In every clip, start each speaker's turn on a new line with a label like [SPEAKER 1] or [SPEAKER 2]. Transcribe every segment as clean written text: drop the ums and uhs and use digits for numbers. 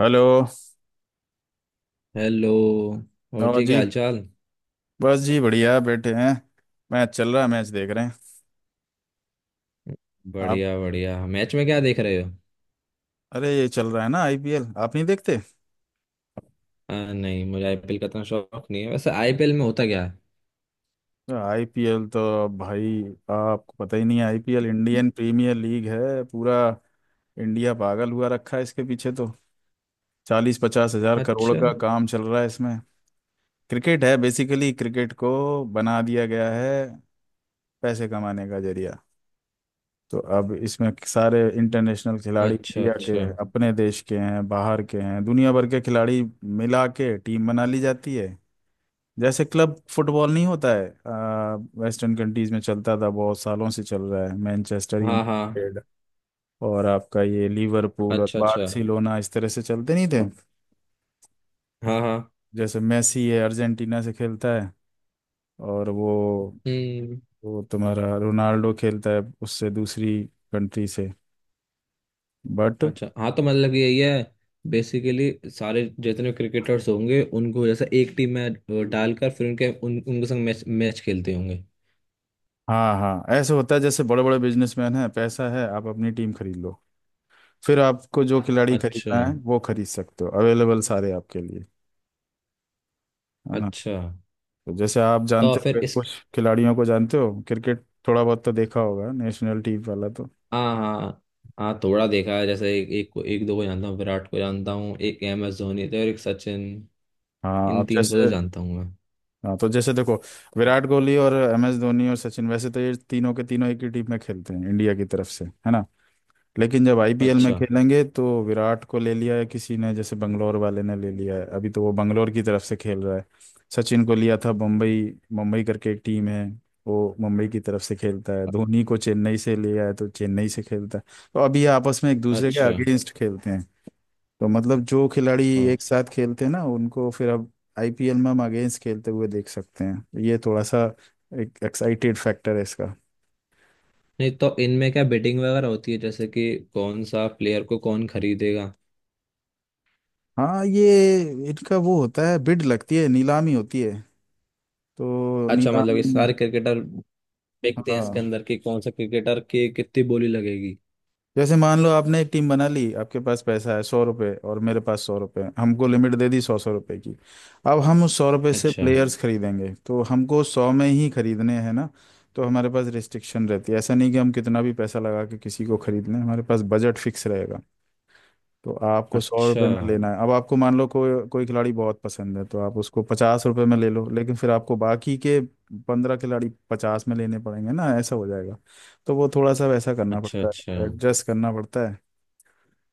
[SPEAKER 1] Hello.
[SPEAKER 2] Hello. और
[SPEAKER 1] और
[SPEAKER 2] जी
[SPEAKER 1] जी।
[SPEAKER 2] क्या हालचाल।
[SPEAKER 1] बस जी, बढ़िया बैठे हैं। मैच चल रहा है, मैच देख रहे हैं। आप?
[SPEAKER 2] बढ़िया बढ़िया मैच में क्या देख रहे हो।
[SPEAKER 1] अरे, ये चल रहा है ना आईपीएल, आप नहीं देखते?
[SPEAKER 2] नहीं मुझे आईपीएल का इतना शौक नहीं है। वैसे आईपीएल में होता क्या है।
[SPEAKER 1] तो आईपीएल तो भाई, आपको पता ही नहीं है। आईपीएल इंडियन प्रीमियर लीग है। पूरा इंडिया पागल हुआ रखा है इसके पीछे। तो 40-50 हजार करोड़
[SPEAKER 2] अच्छा।
[SPEAKER 1] का काम चल रहा है इसमें। क्रिकेट है बेसिकली। क्रिकेट को बना दिया गया है पैसे कमाने का जरिया। तो अब इसमें सारे इंटरनेशनल खिलाड़ी,
[SPEAKER 2] अच्छा।
[SPEAKER 1] इंडिया के
[SPEAKER 2] अच्छा
[SPEAKER 1] अपने देश के हैं, बाहर के हैं, दुनिया भर के खिलाड़ी मिला के टीम बना ली जाती है। जैसे क्लब फुटबॉल नहीं होता है? वेस्टर्न कंट्रीज में चलता था, बहुत सालों से चल रहा है, मैनचेस्टर
[SPEAKER 2] हाँ। हाँ।
[SPEAKER 1] यूनाइटेड और आपका ये लिवरपूल और
[SPEAKER 2] अच्छा अच्छा।
[SPEAKER 1] बार्सिलोना। इस तरह से चलते नहीं थे।
[SPEAKER 2] हाँ हाँ।
[SPEAKER 1] जैसे मेसी है, अर्जेंटीना से खेलता है। और वो
[SPEAKER 2] हम्म।
[SPEAKER 1] वो तुम्हारा रोनाल्डो खेलता है उससे दूसरी कंट्री से। बट
[SPEAKER 2] अच्छा हाँ तो मतलब यही है। बेसिकली सारे जितने क्रिकेटर्स होंगे उनको जैसे एक टीम में डालकर फिर उनके संग मैच मैच खेलते होंगे।
[SPEAKER 1] हाँ हाँ, ऐसे होता है। जैसे बड़े बड़े बिजनेसमैन हैं, पैसा है, आप अपनी टीम खरीद लो। फिर आपको जो हाँ खिलाड़ी
[SPEAKER 2] अच्छा
[SPEAKER 1] खरीदना है वो खरीद सकते हो, अवेलेबल सारे आपके लिए। है ना?
[SPEAKER 2] अच्छा।
[SPEAKER 1] तो जैसे आप
[SPEAKER 2] तो
[SPEAKER 1] जानते हो
[SPEAKER 2] फिर
[SPEAKER 1] फिर
[SPEAKER 2] इस।
[SPEAKER 1] कुछ खिलाड़ियों को जानते हो, क्रिकेट थोड़ा बहुत तो देखा होगा नेशनल टीम वाला। तो
[SPEAKER 2] हाँ हाँ। हाँ थोड़ा देखा है जैसे एक एक, को- एक दो को जानता हूँ। विराट को जानता हूँ। एक एम एस धोनी थे और एक सचिन।
[SPEAKER 1] हाँ,
[SPEAKER 2] इन
[SPEAKER 1] अब
[SPEAKER 2] तीन को तो
[SPEAKER 1] जैसे,
[SPEAKER 2] जानता हूँ मैं।
[SPEAKER 1] हाँ, तो जैसे देखो, विराट कोहली और एम एस धोनी और सचिन वैसे तो ये तीनों के तीनों एक ही टीम में खेलते हैं इंडिया की तरफ से, है ना? लेकिन जब आईपीएल में
[SPEAKER 2] अच्छा
[SPEAKER 1] खेलेंगे तो विराट को ले लिया है किसी ने, जैसे बंगलोर वाले ने ले लिया है, अभी तो वो बंगलोर की तरफ से खेल रहा है। सचिन को लिया था मुंबई। मुंबई करके एक टीम है, वो मुंबई की तरफ से खेलता है। धोनी को चेन्नई से लिया है तो चेन्नई से खेलता है। तो अभी ये आपस में एक दूसरे के
[SPEAKER 2] अच्छा।
[SPEAKER 1] अगेंस्ट खेलते हैं। तो मतलब जो खिलाड़ी
[SPEAKER 2] हाँ
[SPEAKER 1] एक साथ खेलते हैं ना, उनको फिर अब आईपीएल में हम अगेंस्ट खेलते हुए देख सकते हैं। तो ये थोड़ा सा एक एक्साइटेड फैक्टर है इसका।
[SPEAKER 2] नहीं तो इनमें क्या बेटिंग वगैरह होती है जैसे कि कौन सा प्लेयर को कौन खरीदेगा।
[SPEAKER 1] हाँ, ये, इनका वो होता है, बिड लगती है, नीलामी होती है। तो
[SPEAKER 2] अच्छा मतलब
[SPEAKER 1] नीलामी
[SPEAKER 2] ये
[SPEAKER 1] में,
[SPEAKER 2] सारे क्रिकेटर देखते हैं इसके
[SPEAKER 1] हाँ,
[SPEAKER 2] अंदर कि कौन सा क्रिकेटर की कितनी बोली लगेगी।
[SPEAKER 1] जैसे मान लो आपने एक टीम बना ली, आपके पास पैसा है 100 रुपये और मेरे पास 100 रुपये, हमको लिमिट दे दी 100-100 रुपये की। अब हम उस 100 रुपये से
[SPEAKER 2] अच्छा।
[SPEAKER 1] प्लेयर्स खरीदेंगे तो हमको 100 में ही खरीदने हैं ना। तो हमारे पास रिस्ट्रिक्शन रहती है, ऐसा नहीं कि हम कितना भी पैसा लगा के किसी को खरीद लें, हमारे पास बजट फिक्स रहेगा। तो आपको सौ
[SPEAKER 2] अच्छा
[SPEAKER 1] रुपये में लेना है। अब आपको मान लो कोई कोई खिलाड़ी बहुत पसंद है तो आप उसको 50 रुपये में ले लो, लेकिन फिर आपको बाकी के 15 खिलाड़ी 50 में लेने पड़ेंगे ना, ऐसा हो जाएगा। तो वो थोड़ा सा वैसा करना
[SPEAKER 2] अच्छा
[SPEAKER 1] पड़ता
[SPEAKER 2] अच्छा।
[SPEAKER 1] है, एडजस्ट करना पड़ता है,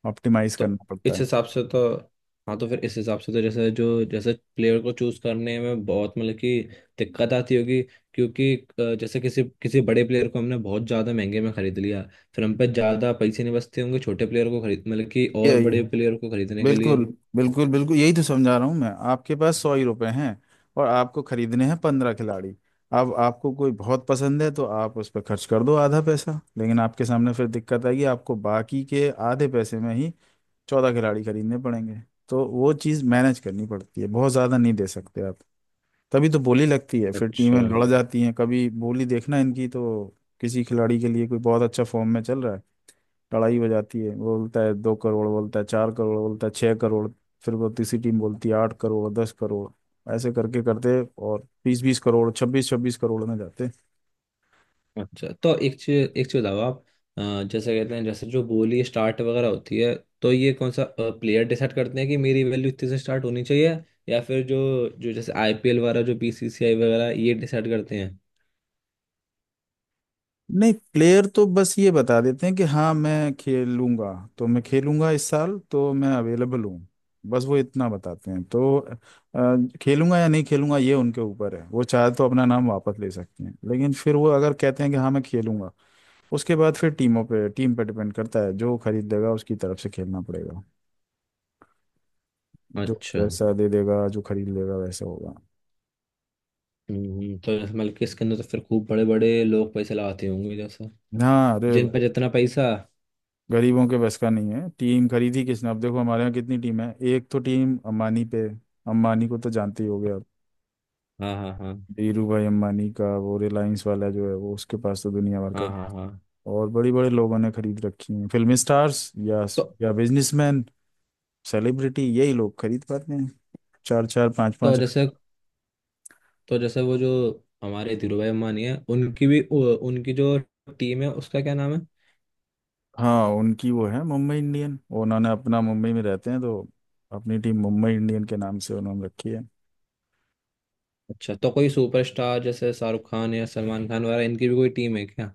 [SPEAKER 1] ऑप्टिमाइज
[SPEAKER 2] तो
[SPEAKER 1] करना पड़ता
[SPEAKER 2] इस
[SPEAKER 1] है।
[SPEAKER 2] हिसाब से तो हाँ तो फिर इस हिसाब से तो जैसे जो जैसे प्लेयर को चूज करने में बहुत मतलब कि दिक्कत आती होगी। क्योंकि जैसे किसी किसी बड़े प्लेयर को हमने बहुत ज्यादा महंगे में खरीद लिया। फिर हम पे ज्यादा पैसे नहीं बचते होंगे छोटे प्लेयर को खरीद मतलब कि और
[SPEAKER 1] ये
[SPEAKER 2] बड़े प्लेयर को खरीदने के लिए।
[SPEAKER 1] बिल्कुल, बिल्कुल, बिल्कुल, यही तो समझा रहा हूँ मैं। आपके पास 100 ही रुपये हैं और आपको खरीदने हैं 15 खिलाड़ी। अब आपको कोई बहुत पसंद है तो आप उस पर खर्च कर दो आधा पैसा, लेकिन आपके सामने फिर दिक्कत आएगी, आपको बाकी के आधे पैसे में ही 14 खिलाड़ी खरीदने पड़ेंगे। तो वो चीज़ मैनेज करनी पड़ती है, बहुत ज़्यादा नहीं दे सकते आप। तभी तो बोली लगती है, फिर
[SPEAKER 2] अच्छा
[SPEAKER 1] टीमें लड़ जाती हैं। कभी बोली देखना इनकी तो, किसी खिलाड़ी के लिए कोई बहुत अच्छा फॉर्म में चल रहा है, लड़ाई हो जाती है, वो बोलता है 2 करोड़, बोलता है 4 करोड़, बोलता है 6 करोड़। फिर वो तीसरी टीम बोलती है 8 करोड़, 10 करोड़, ऐसे करके करते, और 20-20 करोड़, 26-26 करोड़ में जाते।
[SPEAKER 2] अच्छा। तो एक चीज बताओ आप। जैसे कहते हैं जैसे जो बोली स्टार्ट वगैरह होती है। तो ये कौन सा प्लेयर डिसाइड करते हैं कि मेरी वैल्यू इतने से स्टार्ट होनी चाहिए। या फिर जो जो जैसे आईपीएल वगैरह जो बीसीसीआई वगैरह ये डिसाइड करते हैं।
[SPEAKER 1] नहीं, प्लेयर तो बस ये बता देते हैं कि हाँ मैं खेलूंगा, तो मैं खेलूंगा इस साल, तो मैं अवेलेबल हूँ, बस वो इतना बताते हैं। तो खेलूंगा या नहीं खेलूंगा ये उनके ऊपर है, वो चाहे तो अपना नाम वापस ले सकते हैं, लेकिन फिर वो अगर कहते हैं कि हाँ मैं खेलूंगा, उसके बाद फिर टीमों पे, टीम पे डिपेंड करता है, जो खरीद देगा उसकी तरफ से खेलना पड़ेगा। जो
[SPEAKER 2] अच्छा।
[SPEAKER 1] पैसा दे देगा, जो खरीद लेगा, वैसा होगा।
[SPEAKER 2] तो जैसे मतलब कि इसके अंदर तो फिर खूब बड़े बड़े लोग पैसे लगाते होंगे। जैसे
[SPEAKER 1] हाँ, अरे
[SPEAKER 2] जिन
[SPEAKER 1] भाई,
[SPEAKER 2] पर जितना पैसा।
[SPEAKER 1] गरीबों के बस का नहीं है। टीम खरीदी किसने, अब देखो हमारे यहाँ कितनी टीम है। एक तो टीम अंबानी पे, अंबानी को तो जानते ही होगे आप,
[SPEAKER 2] हाँ हाँ हाँ
[SPEAKER 1] धीरू भाई अंबानी का वो रिलायंस वाला जो है वो, उसके पास तो दुनिया भर का।
[SPEAKER 2] हाँ हाँ। हाँ।
[SPEAKER 1] और बड़े बड़े लोगों ने खरीद रखी हैं, फिल्म स्टार्स
[SPEAKER 2] तो
[SPEAKER 1] या बिजनेसमैन, सेलिब्रिटी, यही लोग खरीद पाते हैं, चार चार पांच
[SPEAKER 2] तो
[SPEAKER 1] पांच।
[SPEAKER 2] जैसे तो जैसे वो जो हमारे धीरू भाई अंबानी है, उनकी भी उनकी जो टीम है उसका क्या नाम है।
[SPEAKER 1] हाँ, उनकी वो है मुंबई इंडियन। उन्होंने अपना, मुंबई में रहते हैं तो अपनी टीम मुंबई इंडियन के नाम से उन्होंने रखी है।
[SPEAKER 2] अच्छा तो कोई सुपरस्टार जैसे शाहरुख खान या सलमान खान वगैरह इनकी भी कोई टीम है क्या।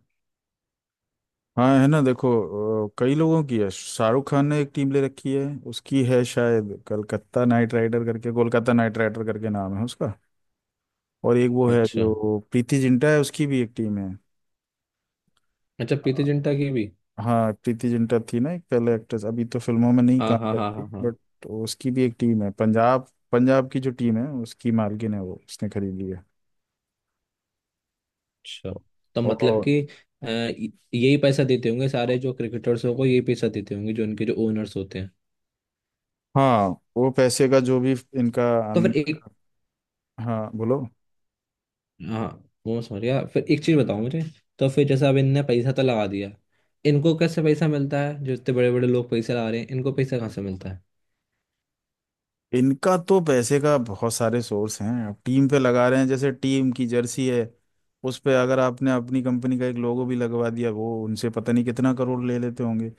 [SPEAKER 1] हाँ है ना, देखो, कई लोगों की है। शाहरुख खान ने एक टीम ले रखी है, उसकी है शायद कलकत्ता नाइट राइडर करके, कोलकाता नाइट राइडर करके नाम है उसका। और एक वो है
[SPEAKER 2] अच्छा।
[SPEAKER 1] जो प्रीति जिंटा है, उसकी भी एक टीम है।
[SPEAKER 2] अच्छा
[SPEAKER 1] अ,
[SPEAKER 2] प्रीति जिंटा की भी।
[SPEAKER 1] हाँ, प्रीति जिंटा थी ना एक पहले एक्ट्रेस, अभी तो फिल्मों में नहीं
[SPEAKER 2] हाँ
[SPEAKER 1] काम
[SPEAKER 2] हाँ हाँ
[SPEAKER 1] करती,
[SPEAKER 2] हाँ हाँ।
[SPEAKER 1] बट उसकी भी एक टीम है, पंजाब। पंजाब की जो टीम है उसकी मालकिन है वो, उसने खरीदी है।
[SPEAKER 2] अच्छा। तो मतलब
[SPEAKER 1] और
[SPEAKER 2] कि यही पैसा देते होंगे सारे जो क्रिकेटर्स को। यही पैसा देते होंगे जो उनके जो ओनर्स होते हैं।
[SPEAKER 1] हाँ, वो पैसे का जो भी इनका
[SPEAKER 2] तो
[SPEAKER 1] अन-
[SPEAKER 2] फिर एक।
[SPEAKER 1] हाँ बोलो।
[SPEAKER 2] हाँ। वो मैं समझ गया। फिर एक चीज़ बताओ मुझे। तो फिर जैसे अब इनने पैसा तो लगा दिया। इनको कैसे पैसा मिलता है। जो इतने बड़े बड़े लोग पैसा लगा रहे हैं इनको पैसा कहाँ से मिलता है।
[SPEAKER 1] इनका तो पैसे का बहुत सारे सोर्स हैं, अब टीम पे लगा रहे हैं। जैसे टीम की जर्सी है, उस पे अगर आपने अपनी कंपनी का एक लोगो भी लगवा दिया, वो उनसे पता नहीं कितना करोड़ ले लेते होंगे।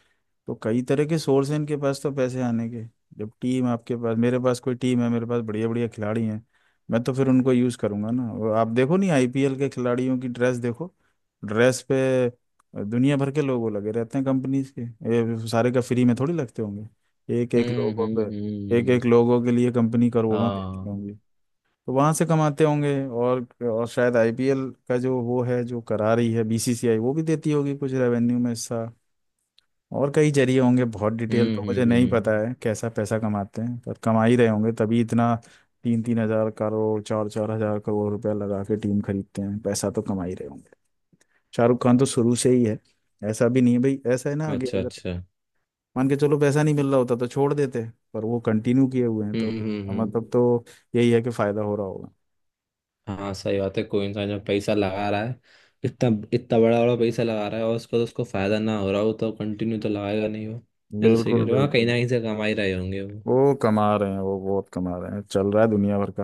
[SPEAKER 1] तो कई तरह के सोर्स हैं इनके पास तो पैसे आने के। जब टीम आपके पास, मेरे पास कोई टीम है, मेरे पास बढ़िया बढ़िया खिलाड़ी हैं, मैं तो फिर उनको यूज़ करूंगा ना। और आप देखो नहीं, आईपीएल के खिलाड़ियों की ड्रेस देखो। ड्रेस पे दुनिया भर के लोगो लगे रहते हैं कंपनीज के। ये सारे का फ्री में थोड़ी लगते होंगे। एक एक लोगो, एक
[SPEAKER 2] हम्म।
[SPEAKER 1] एक लोगों के लिए कंपनी करोड़ों देती
[SPEAKER 2] हाँ।
[SPEAKER 1] होंगी। तो वहां से कमाते होंगे। और शायद आईपीएल का जो वो है जो करा रही है बीसीसीआई, वो भी देती होगी कुछ रेवेन्यू में हिस्सा। और कई जरिए होंगे, बहुत डिटेल तो मुझे नहीं पता
[SPEAKER 2] हम्म।
[SPEAKER 1] है कैसा पैसा कमाते हैं, पर कमा ही रहे होंगे तभी इतना 3,000-3,000 करोड़, 4,000-4,000 करोड़ रुपया लगा के टीम खरीदते हैं। पैसा तो कमा ही रहे होंगे। शाहरुख खान तो शुरू से ही है, ऐसा भी नहीं है भाई, ऐसा है ना, आगे
[SPEAKER 2] अच्छा अच्छा।
[SPEAKER 1] मान के चलो, पैसा नहीं मिल रहा होता तो छोड़ देते। पर वो कंटिन्यू किए हुए हैं तो
[SPEAKER 2] हम्म हम्म
[SPEAKER 1] इसका
[SPEAKER 2] हम्म।
[SPEAKER 1] मतलब तो यही है कि फायदा हो रहा होगा।
[SPEAKER 2] हाँ सही बात है। कोई इंसान जब पैसा लगा रहा है, इतना इतना बड़ा बड़ा पैसा लगा रहा है, और उसको फायदा ना हो रहा हो तो कंटिन्यू तो लगाएगा नहीं वो। ये तो सही कह
[SPEAKER 1] बिल्कुल
[SPEAKER 2] रहे हो। हाँ कहीं ना
[SPEAKER 1] बिल्कुल।
[SPEAKER 2] कहीं से कमा ही रहे होंगे वो।
[SPEAKER 1] वो कमा रहे हैं, वो बहुत कमा रहे हैं, चल रहा है दुनिया भर का।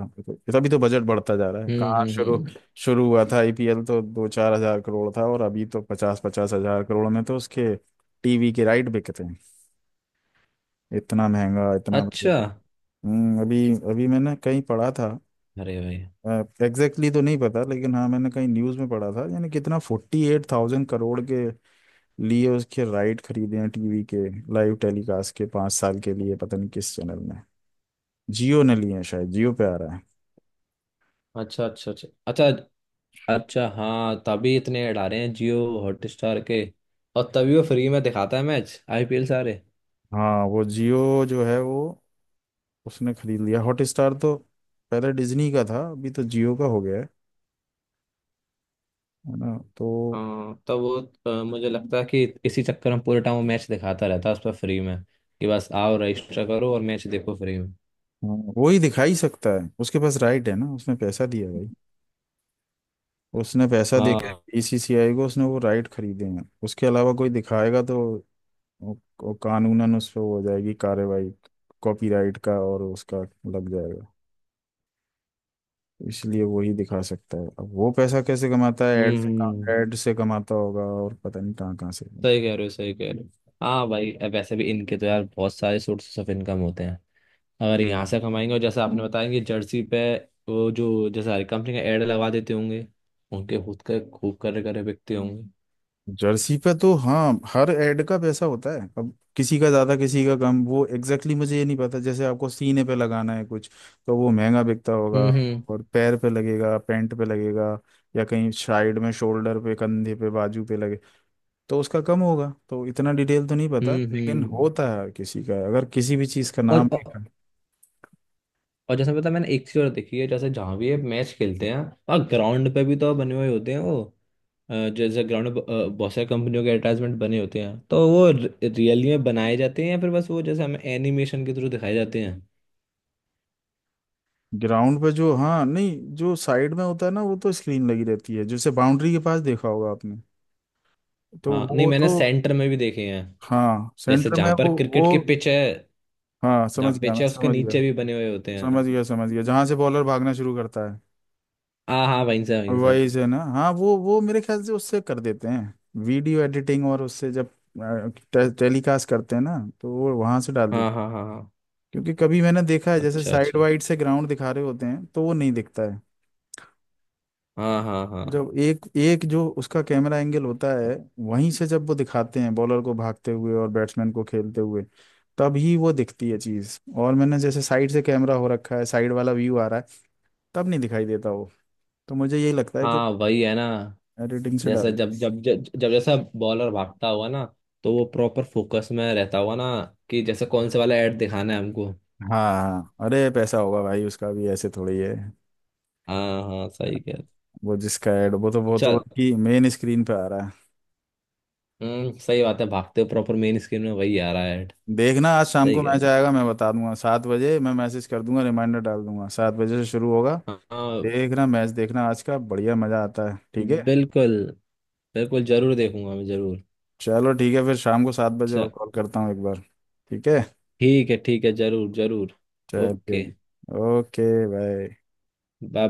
[SPEAKER 1] तभी तो बजट बढ़ता जा रहा है।
[SPEAKER 2] हम्म
[SPEAKER 1] कहाँ
[SPEAKER 2] हम्म
[SPEAKER 1] शुरू,
[SPEAKER 2] हम्म।
[SPEAKER 1] शुरू हुआ था आईपीएल तो 2-4 हजार करोड़ था, और अभी तो 50,000-50,000 करोड़ में तो उसके टीवी के राइट बिकते हैं। इतना महंगा, इतना
[SPEAKER 2] अच्छा।
[SPEAKER 1] बजट। अभी, अभी मैंने कहीं पढ़ा था,
[SPEAKER 2] अरे भाई।
[SPEAKER 1] एग्जैक्टली तो नहीं पता, लेकिन हाँ मैंने कहीं न्यूज़ में पढ़ा था, यानी कितना 48,000 करोड़ के लिए उसके राइट खरीदे हैं टीवी के, लाइव टेलीकास्ट के 5 साल के लिए, पता नहीं किस चैनल में, जियो ने लिए हैं शायद, जियो पे आ रहा है।
[SPEAKER 2] अच्छा अच्छा अच्छा अच्छा। अच्छा हाँ तभी इतने ऐड आ रहे हैं जियो हॉटस्टार के। और तभी वो फ्री में दिखाता है मैच आईपीएल सारे।
[SPEAKER 1] हाँ, वो जियो जो है वो, उसने खरीद लिया हॉटस्टार, तो पहले डिज्नी का था, अभी तो जियो का हो गया है ना तो।
[SPEAKER 2] हाँ तो वो मुझे लगता है कि इसी चक्कर में पूरे टाइम वो मैच दिखाता रहता है उस पर फ्री में। कि बस आओ रजिस्टर करो और मैच देखो फ्री में।
[SPEAKER 1] हाँ, वो ही दिखा ही सकता है, उसके पास राइट है ना, उसने पैसा दिया भाई। उसने पैसा देके
[SPEAKER 2] हाँ।
[SPEAKER 1] बीसीसीआई को, उसने वो राइट खरीदे हैं। उसके अलावा कोई दिखाएगा तो वो- वो कानूनन उस पर हो जाएगी कार्रवाई, कॉपीराइट का और उसका लग जाएगा। इसलिए वही दिखा सकता है। अब वो पैसा कैसे कमाता है? ऐड
[SPEAKER 2] हम्म
[SPEAKER 1] से।
[SPEAKER 2] हम्म,
[SPEAKER 1] ऐड से कमाता होगा और पता नहीं कहाँ कहाँ से।
[SPEAKER 2] सही कह रहे हो सही कह रहे हो। हाँ भाई अब वैसे भी इनके तो यार बहुत सारे सोर्सेस ऑफ इनकम होते हैं। अगर यहाँ से कमाएंगे और जैसे आपने बताया कि जर्सी पे वो जो जैसे हर कंपनी का एड लगा देते होंगे। उनके खुद के खूब करे करे बिकते होंगे।
[SPEAKER 1] जर्सी पे तो हाँ हर ऐड का पैसा होता है, अब किसी का ज्यादा किसी का कम, वो एग्जैक्टली exactly मुझे ये नहीं पता। जैसे आपको सीने पे लगाना है कुछ, तो वो महंगा बिकता होगा।
[SPEAKER 2] हम्म
[SPEAKER 1] और पैर पे लगेगा, पैंट पे लगेगा, या कहीं साइड में, शोल्डर पे, कंधे पे, बाजू पे लगे तो उसका कम होगा। तो इतना डिटेल तो नहीं पता,
[SPEAKER 2] हम्म हम्म
[SPEAKER 1] लेकिन
[SPEAKER 2] हम्म।
[SPEAKER 1] होता है किसी का अगर किसी भी चीज़ का
[SPEAKER 2] और
[SPEAKER 1] नाम।
[SPEAKER 2] जैसे पता है, मैंने एक चीज और देखी है। जैसे जहाँ भी ये मैच खेलते हैं और ग्राउंड पे भी तो बने हुए होते हैं वो। जैसे ग्राउंड में बहुत सारी कंपनियों के एडवर्टाइजमेंट बने होते हैं। तो वो रियली में बनाए जाते हैं या फिर बस वो जैसे हमें एनिमेशन के थ्रू दिखाए जाते हैं।
[SPEAKER 1] ग्राउंड पे जो, हाँ, नहीं जो साइड में होता है ना, वो तो स्क्रीन लगी रहती है, जैसे बाउंड्री के पास देखा होगा आपने, तो
[SPEAKER 2] हाँ नहीं
[SPEAKER 1] वो
[SPEAKER 2] मैंने
[SPEAKER 1] तो।
[SPEAKER 2] सेंटर में भी देखे हैं।
[SPEAKER 1] हाँ
[SPEAKER 2] जैसे
[SPEAKER 1] सेंटर में,
[SPEAKER 2] जहाँ पर
[SPEAKER 1] वो
[SPEAKER 2] क्रिकेट की पिच है,
[SPEAKER 1] हाँ,
[SPEAKER 2] जहाँ
[SPEAKER 1] समझ गया,
[SPEAKER 2] पिच
[SPEAKER 1] मैं
[SPEAKER 2] है उसके
[SPEAKER 1] समझ गया,
[SPEAKER 2] नीचे भी बने हुए होते
[SPEAKER 1] समझ
[SPEAKER 2] हैं।
[SPEAKER 1] गया, समझ गया जहाँ से बॉलर भागना शुरू करता है।
[SPEAKER 2] हाँ हाँ वहीं से वहीं से।
[SPEAKER 1] वही से ना, हाँ, वो मेरे ख्याल से उससे कर देते हैं वीडियो एडिटिंग, और उससे जब टेलीकास्ट करते हैं ना, तो वो वहां से डाल देते हैं।
[SPEAKER 2] हाँ हाँ हाँ हाँ।
[SPEAKER 1] क्योंकि कभी मैंने देखा है जैसे
[SPEAKER 2] अच्छा
[SPEAKER 1] साइड
[SPEAKER 2] अच्छा।
[SPEAKER 1] वाइड से ग्राउंड दिखा रहे होते हैं, तो वो नहीं दिखता है।
[SPEAKER 2] हाँ हाँ हाँ
[SPEAKER 1] जब एक एक जो उसका कैमरा एंगल होता है, वहीं से जब वो दिखाते हैं बॉलर को भागते हुए और बैट्समैन को खेलते हुए, तब ही वो दिखती है चीज। और मैंने जैसे साइड से, कैमरा हो रखा है साइड वाला, व्यू आ रहा है, तब नहीं दिखाई देता वो। तो मुझे यही लगता है कि
[SPEAKER 2] हाँ वही है ना।
[SPEAKER 1] एडिटिंग से
[SPEAKER 2] जैसा
[SPEAKER 1] डाल।
[SPEAKER 2] जब जब जब जब जैसा बॉलर भागता हुआ ना, तो वो प्रॉपर फोकस में रहता हुआ ना, कि जैसे कौन से वाला ऐड दिखाना है हमको।
[SPEAKER 1] हाँ हाँ, अरे पैसा होगा भाई उसका भी, ऐसे थोड़ी है।
[SPEAKER 2] हाँ हाँ सही कह रहे।
[SPEAKER 1] वो जिसका एड वो तो
[SPEAKER 2] चल।
[SPEAKER 1] कि मेन स्क्रीन पे आ रहा है।
[SPEAKER 2] सही बात है, भागते हुए प्रॉपर मेन स्क्रीन में वही आ रहा है ऐड।
[SPEAKER 1] देखना, आज शाम को
[SPEAKER 2] सही कह
[SPEAKER 1] मैच
[SPEAKER 2] रहे
[SPEAKER 1] आएगा, मैं बता दूंगा, 7 बजे मैं मैसेज कर दूंगा, रिमाइंडर डाल दूंगा, 7 बजे से शुरू होगा।
[SPEAKER 2] हो। हाँ
[SPEAKER 1] देखना, मैच देखना आज का, बढ़िया मजा आता है। ठीक है?
[SPEAKER 2] बिल्कुल। बिल्कुल जरूर देखूंगा मैं जरूर।
[SPEAKER 1] चलो ठीक है, फिर शाम को 7 बजे और
[SPEAKER 2] चल।
[SPEAKER 1] कॉल करता हूँ एक बार। ठीक है।
[SPEAKER 2] ठीक है जरूर जरूर।
[SPEAKER 1] चलिए,
[SPEAKER 2] ओके
[SPEAKER 1] ओके, बाय।
[SPEAKER 2] बाय।